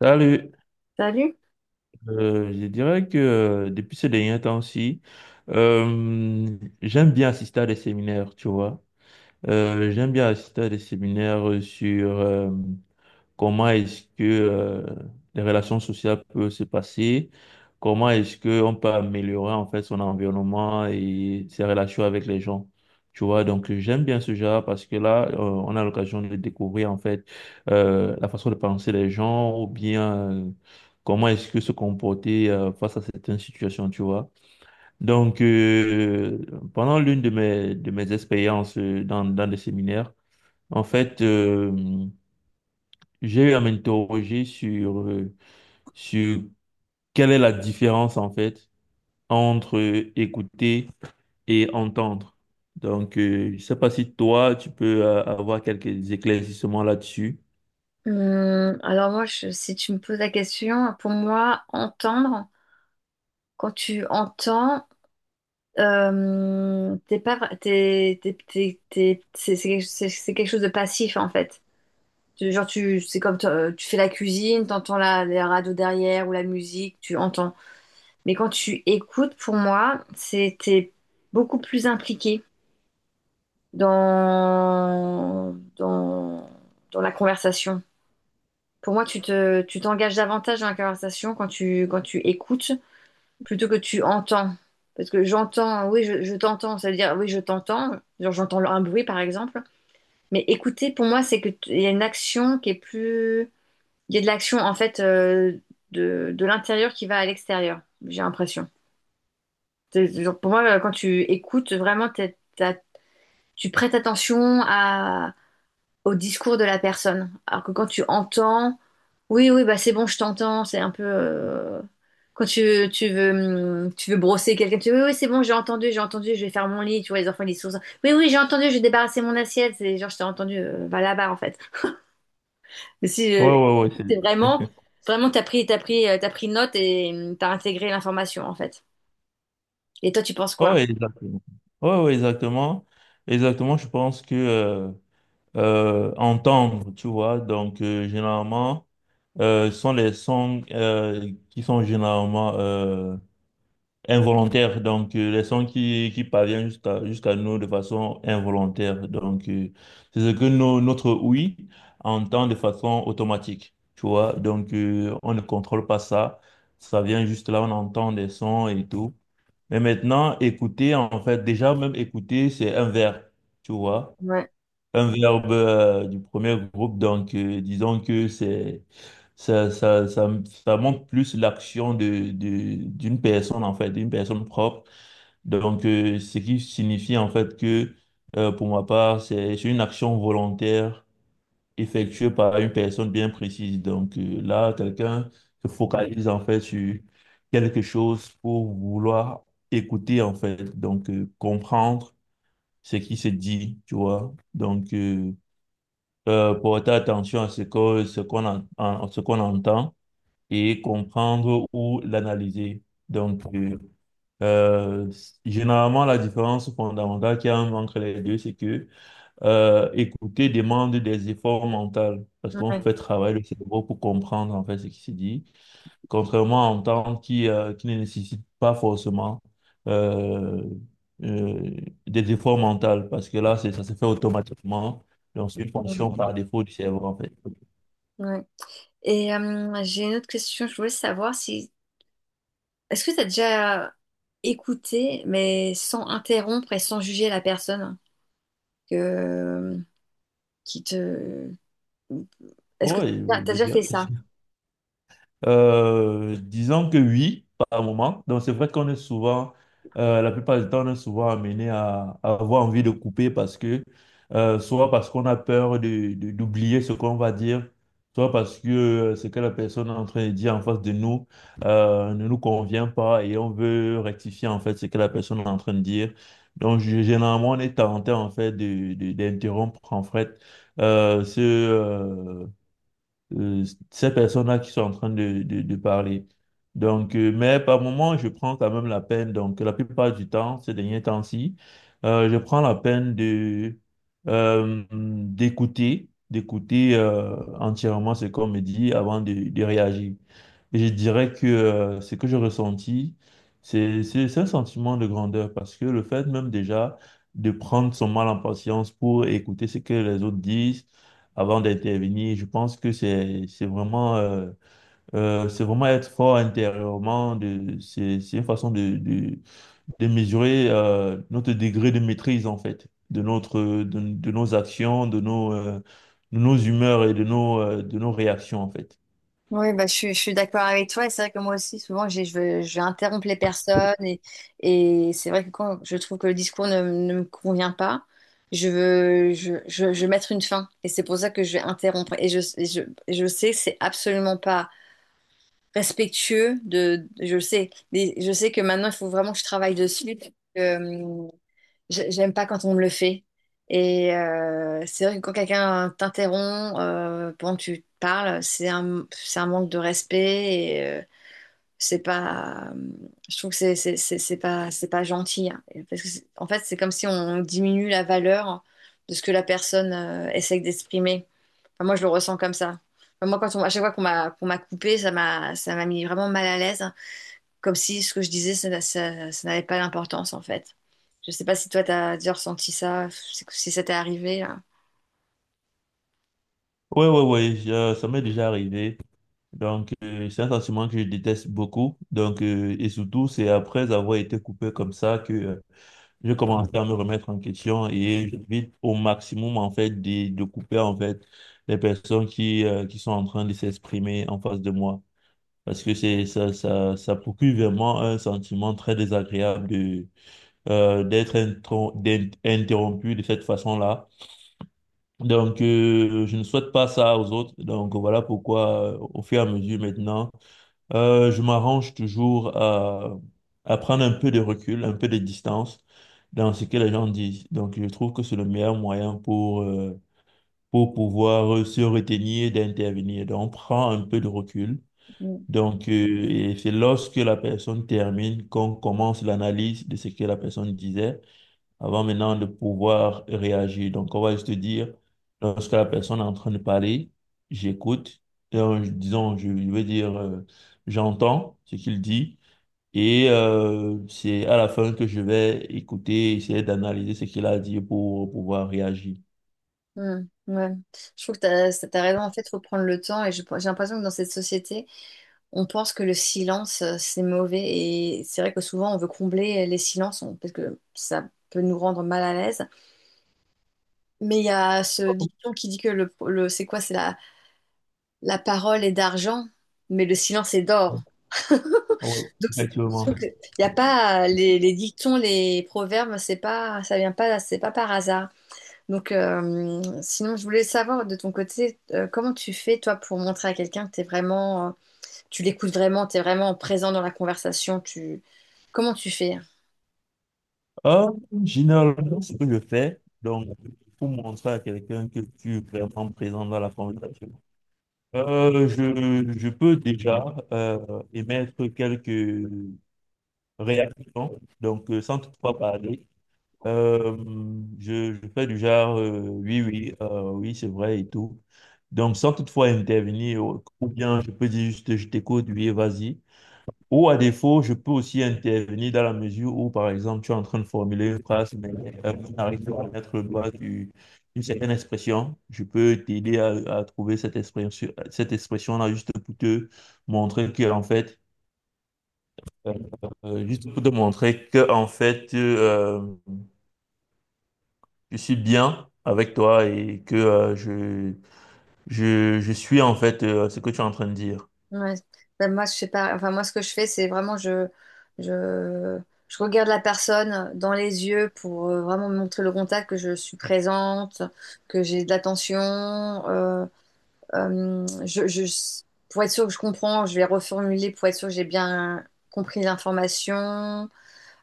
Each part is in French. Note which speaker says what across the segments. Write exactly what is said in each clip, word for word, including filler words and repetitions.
Speaker 1: Salut.
Speaker 2: Salut.
Speaker 1: Euh, je dirais que euh, depuis ces derniers temps-ci, euh, j'aime bien assister à des séminaires, tu vois. Euh, j'aime bien assister à des séminaires sur, euh, comment est-ce que euh, les relations sociales peuvent se passer? Comment est-ce qu'on peut améliorer en fait son environnement et ses relations avec les gens? Tu vois, donc j'aime bien ce genre parce que là, euh, on a l'occasion de découvrir en fait euh, la façon de penser des gens ou bien euh, comment est-ce que se comporter euh, face à certaines situations, tu vois. Donc, euh, pendant l'une de mes, de mes expériences euh, dans, dans des séminaires, en fait, euh, j'ai eu à m'interroger sur, euh, sur quelle est la différence en fait entre euh, écouter et entendre. Donc, euh, je ne sais pas si toi, tu peux euh, avoir quelques éclaircissements là-dessus.
Speaker 2: Hum, alors moi, je- si tu me poses la question, pour moi, entendre, quand tu entends, euh, t'es pas, vra- t'es, t'es- t'es- t'es- c'est c'est- c'est- c'est quelque chose de passif en fait. Tu- Genre tu, c'est comme t'en- tu fais la cuisine, t'entends la, la radio derrière ou la musique, tu entends. Mais quand tu écoutes, pour moi, c'est t'es beaucoup plus impliqué dans dans dans la conversation. Pour moi, tu te, tu t'engages davantage dans la conversation quand tu, quand tu écoutes plutôt que tu entends. Parce que j'entends, oui, je, je t'entends, ça veut dire, oui, je t'entends, genre j'entends un bruit par exemple. Mais écouter, pour moi, c'est que t- il y a une action qui est plus. Il y a de l'action en fait, euh, de, de l'intérieur qui va à l'extérieur, j'ai l'impression. C'est- c'est genre, pour moi, euh, quand tu écoutes, vraiment, t'es- t'as- tu prêtes attention à, au discours de la personne. Alors que quand tu entends, oui, oui, bah c'est bon, je t'entends, c'est un peu. euh, Quand tu, tu veux, hum, tu veux brosser quelqu'un, tu dis oui, oui, c'est bon, j'ai entendu, j'ai entendu, je vais faire mon lit, tu vois, les enfants, ils sont. Oui, oui, j'ai entendu, je vais débarrasser mon assiette, c'est genre, je t'ai entendu, euh, va là-bas, en fait. Mais si
Speaker 1: Ouais,
Speaker 2: euh,
Speaker 1: ouais, ouais,
Speaker 2: c'est
Speaker 1: c'est...
Speaker 2: vraiment, vraiment, t'as pris, t'as pris, euh, t'as pris note et, hum, t'as intégré l'information, en fait. Et toi, tu penses quoi?
Speaker 1: Ouais, exactement. Ouais, ouais, exactement. Exactement, je pense que euh, euh, entendre, tu vois, donc euh, généralement, euh, sont les sons euh, qui sont généralement euh, involontaire, donc euh, les sons qui, qui parviennent jusqu'à jusqu'à nous de façon involontaire. Donc, euh, c'est ce que nos- notre oui entend de façon automatique, tu vois. Donc, euh, on ne contrôle pas ça. Ça vient juste là, on entend des sons et tout. Mais maintenant, écouter, en fait, déjà même écouter, c'est un verbe, tu vois,
Speaker 2: Ouais,
Speaker 1: un verbe euh, du premier groupe, donc euh, disons que c'est ça, ça, ça, ça montre plus l'action de, de, d'une personne en fait, d'une personne propre. Donc euh, ce qui signifie en fait que euh, pour ma part, c'est c'est une action volontaire effectuée par une personne bien précise. Donc euh, là, quelqu'un se focalise en fait sur quelque chose pour vouloir écouter en fait, donc euh, comprendre ce qui se dit, tu vois. Donc euh, euh, porter attention à ce que, ce qu'on en- en- ce qu'on entend et comprendre ou l'analyser. Donc, euh, euh, s- Généralement, la différence fondamentale qu'il y a entre les deux, c'est que euh, écouter demande des efforts mentaux parce qu'on
Speaker 2: ouais,
Speaker 1: fait travailler le cerveau pour comprendre en fait ce qui se dit, contrairement à un temps qui, euh, qui ne nécessite pas forcément euh, euh, des efforts mentaux, parce que là, c'est, ça se fait automatiquement. Donc, c'est une
Speaker 2: hum,
Speaker 1: fonction par défaut du cerveau, en fait.
Speaker 2: ouais. Et, hum, j'ai une autre question, je voulais savoir si. Est-ce que t'as déjà écouté, mais sans interrompre et sans juger la personne que, qui te. Est-ce que
Speaker 1: Oui,
Speaker 2: t'as t'as
Speaker 1: je
Speaker 2: déjà fait
Speaker 1: dirais.
Speaker 2: ça?
Speaker 1: Euh, disons que oui, par moment. Donc, c'est vrai qu'on est souvent, euh, la plupart du temps, on est souvent amené à, à avoir envie de couper parce que, euh, soit parce qu'on a peur de, de- d'oublier ce qu'on va dire, soit parce que euh, ce que la personne est en train de dire en face de nous, euh, ne nous convient pas et on veut rectifier, en fait, ce que la personne est en train de dire. Donc, g- généralement, on est tenté, en fait, de, de- d'interrompre, en fait, euh, ce, euh, euh, ces personnes-là qui sont en train de, de, de parler. Donc, euh, mais par moment, je prends quand même la peine, donc la plupart du temps, ces derniers temps-ci, euh, je prends la peine de euh, d'écouter, d'écouter euh, entièrement ce qu'on me dit avant de, de réagir. Et je dirais que euh, ce que j'ai ressenti, c'est c'est- c'est un sentiment de grandeur parce que le fait même déjà de prendre son mal en patience pour écouter ce que les autres disent, avant d'intervenir. Je pense que c'est c'est vraiment euh, euh, c'est vraiment être fort intérieurement. De c'est c'est une façon de de, de mesurer euh, notre degré de maîtrise en fait de notre de, de nos actions, de nos euh, de nos humeurs et de nos euh, de nos réactions en fait.
Speaker 2: Oui, bah, je, suis je suis d'accord avec toi. Et c'est vrai que moi aussi, souvent, j'ai- je, veux- je vais interrompre les personnes. Et, et c'est vrai que quand je trouve que le discours ne, ne me convient pas, je veux, je, je, je veux mettre une fin. Et c'est pour ça que je vais interrompre. Et je, et je, et je sais que c'est absolument pas respectueux de, je le sais. Mais je sais que maintenant, il faut vraiment que je travaille dessus. Euh, J'ai- J'aime pas quand on me le fait. Et, euh, c'est vrai que quand quelqu'un t'interrompt, euh, pendant que tu parles, c'est un, c'est un manque de respect et, euh, c'est pas. Je trouve que c'est c'est c'est- c'est pas, c'est pas gentil, hein. Et parce que c'est- en fait, c'est comme si on diminue la valeur de ce que la personne, euh, essaie d'exprimer. Enfin, moi, je le ressens comme ça. Enfin, moi, quand on, à chaque fois qu'on m'a qu'on m'a coupé, ça m'a ça m'a mis vraiment mal à l'aise comme si ce que je disais, ça, ça- ça n'avait pas d'importance en fait. Je sais pas si toi, t'as déjà ressenti ça, si ça t'est arrivé là.
Speaker 1: Ouais, ouais, ouais, je- ça m'est déjà arrivé. Donc, euh, c'est un sentiment que je déteste beaucoup. Donc, euh, et surtout, c'est après avoir été coupé comme ça que euh, je commencé à me remettre en question et j'évite au maximum en fait de, de couper en fait les personnes qui, euh, qui sont en train de s'exprimer en face de moi parce que c'est ça, ça ça procure vraiment un sentiment très désagréable de euh, d'être intro- d'être interrompu de cette façon-là. Donc euh, je ne souhaite pas ça aux autres. Donc voilà pourquoi euh, au fur et à mesure maintenant euh, je m'arrange toujours à, à prendre un peu de recul, un peu de distance dans ce que les gens disent. Donc, je trouve que c'est le meilleur moyen pour, euh, pour pouvoir euh, se retenir d'intervenir. Donc, on prend un peu de recul.
Speaker 2: Mm.
Speaker 1: Donc, euh, et c'est lorsque la personne termine qu'on commence l'analyse de ce que la personne disait avant maintenant de pouvoir réagir. Donc, on va juste dire, lorsque la personne est en train de parler, j'écoute. Et, euh, disons, je je veux dire, euh, j'entends ce qu'il dit, et euh, c'est à la fin que je vais écouter, essayer d'analyser ce qu'il a dit pour pouvoir réagir.
Speaker 2: Mm. Ouais. Je trouve que t'as, ça- t'as raison. En fait, faut prendre le temps. Et je- j'ai l'impression que dans cette société, on pense que le silence, euh, c'est mauvais. Et c'est vrai que souvent, on veut combler les silences, on- parce que ça peut nous rendre mal à l'aise. Mais il y a ce dicton qui dit que le, le- c'est quoi? C'est la, la parole est d'argent, mais le silence est d'or. Donc,
Speaker 1: Oui,
Speaker 2: c'est- je
Speaker 1: effectivement.
Speaker 2: trouve que y a pas les, les dictons, les proverbes, c'est pas, ça vient pas, c'est pas par hasard. Donc, euh, sinon, je voulais savoir de ton côté, euh, comment tu fais toi pour montrer à quelqu'un que t'es vraiment, euh, tu l'écoutes vraiment, t'es vraiment présent dans la conversation. Tu, comment tu fais?
Speaker 1: Euh, Généralement, ce que je fais, donc, pour montrer à quelqu'un que tu es vraiment présent dans la conversation, Euh, je, je peux déjà euh, émettre quelques réactions, donc euh, sans toutefois parler. Euh, je, je fais du genre, euh, oui, oui, euh, oui, c'est vrai et tout. Donc, sans toutefois intervenir, ou ou bien je peux dire juste, je t'écoute, oui, vas-y. Ou à défaut, je peux aussi intervenir dans la mesure où, par exemple, tu es en train de formuler une phrase, mais euh, tu n'arrives pas à mettre le doigt du- d'une certaine expression. Je peux t'aider à, à trouver cette expression, cette expression-là juste pour te montrer que, en fait, euh, euh, juste pour te montrer que, en fait, euh, je suis bien avec toi et que euh, je, je, je suis, en fait, euh, ce que tu es en train de dire.
Speaker 2: Ouais. Ben, moi, je fais pas. Enfin, moi, ce que je fais, c'est vraiment je, je, je regarde la personne dans les yeux pour, euh, vraiment me montrer le contact, que je suis présente, que j'ai de l'attention. euh, Euh, je, je- pour être sûr que je comprends, je vais reformuler pour être sûr que j'ai bien compris l'information.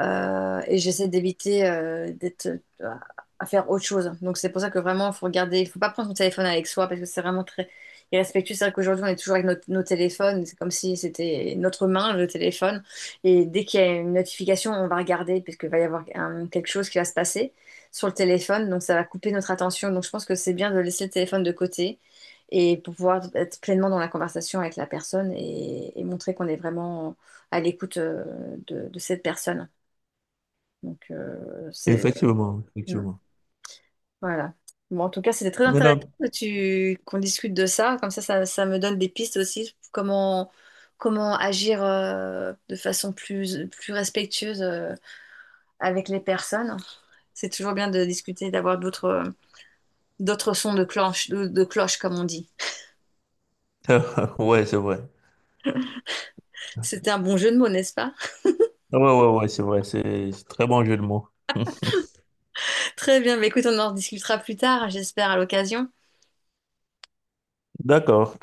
Speaker 2: Euh, et j'essaie d'éviter, euh, d'être, euh, à faire autre chose. Donc c'est pour ça que vraiment, il faut regarder, il faut pas prendre son téléphone avec soi parce que c'est vraiment très irrespectueux. C'est vrai qu'aujourd'hui, on est toujours avec notre- nos téléphones, c'est comme si c'était notre main, le téléphone. Et dès qu'il y a une notification, on va regarder parce qu'il va y avoir un- quelque chose qui va se passer sur le téléphone, donc ça va couper notre attention. Donc je pense que c'est bien de laisser le téléphone de côté. Et pour pouvoir être pleinement dans la conversation avec la personne et, et montrer qu'on est vraiment à l'écoute, euh, de de cette personne. Donc, euh, c'est...
Speaker 1: Effectivement,
Speaker 2: mm,
Speaker 1: effectivement.
Speaker 2: voilà. Bon, en tout cas, c'était très
Speaker 1: Mais
Speaker 2: intéressant
Speaker 1: non.
Speaker 2: que tu... qu'on discute de ça. Comme ça, ça, ça me donne des pistes aussi. Comment, comment agir, euh, de façon plus, plus respectueuse, euh, avec les personnes. C'est toujours bien de discuter, d'avoir d'autres... euh, d'autres sons de cloche, de, de cloche, comme on dit.
Speaker 1: ouais, c'est vrai.
Speaker 2: C'était un bon jeu de mots, n'est-ce pas?
Speaker 1: Ouais, ouais, ouais, c'est vrai, c'est c'est très bon jeu de mots.
Speaker 2: Très bien, mais écoute, on en discutera plus tard, j'espère, à l'occasion.
Speaker 1: D'accord.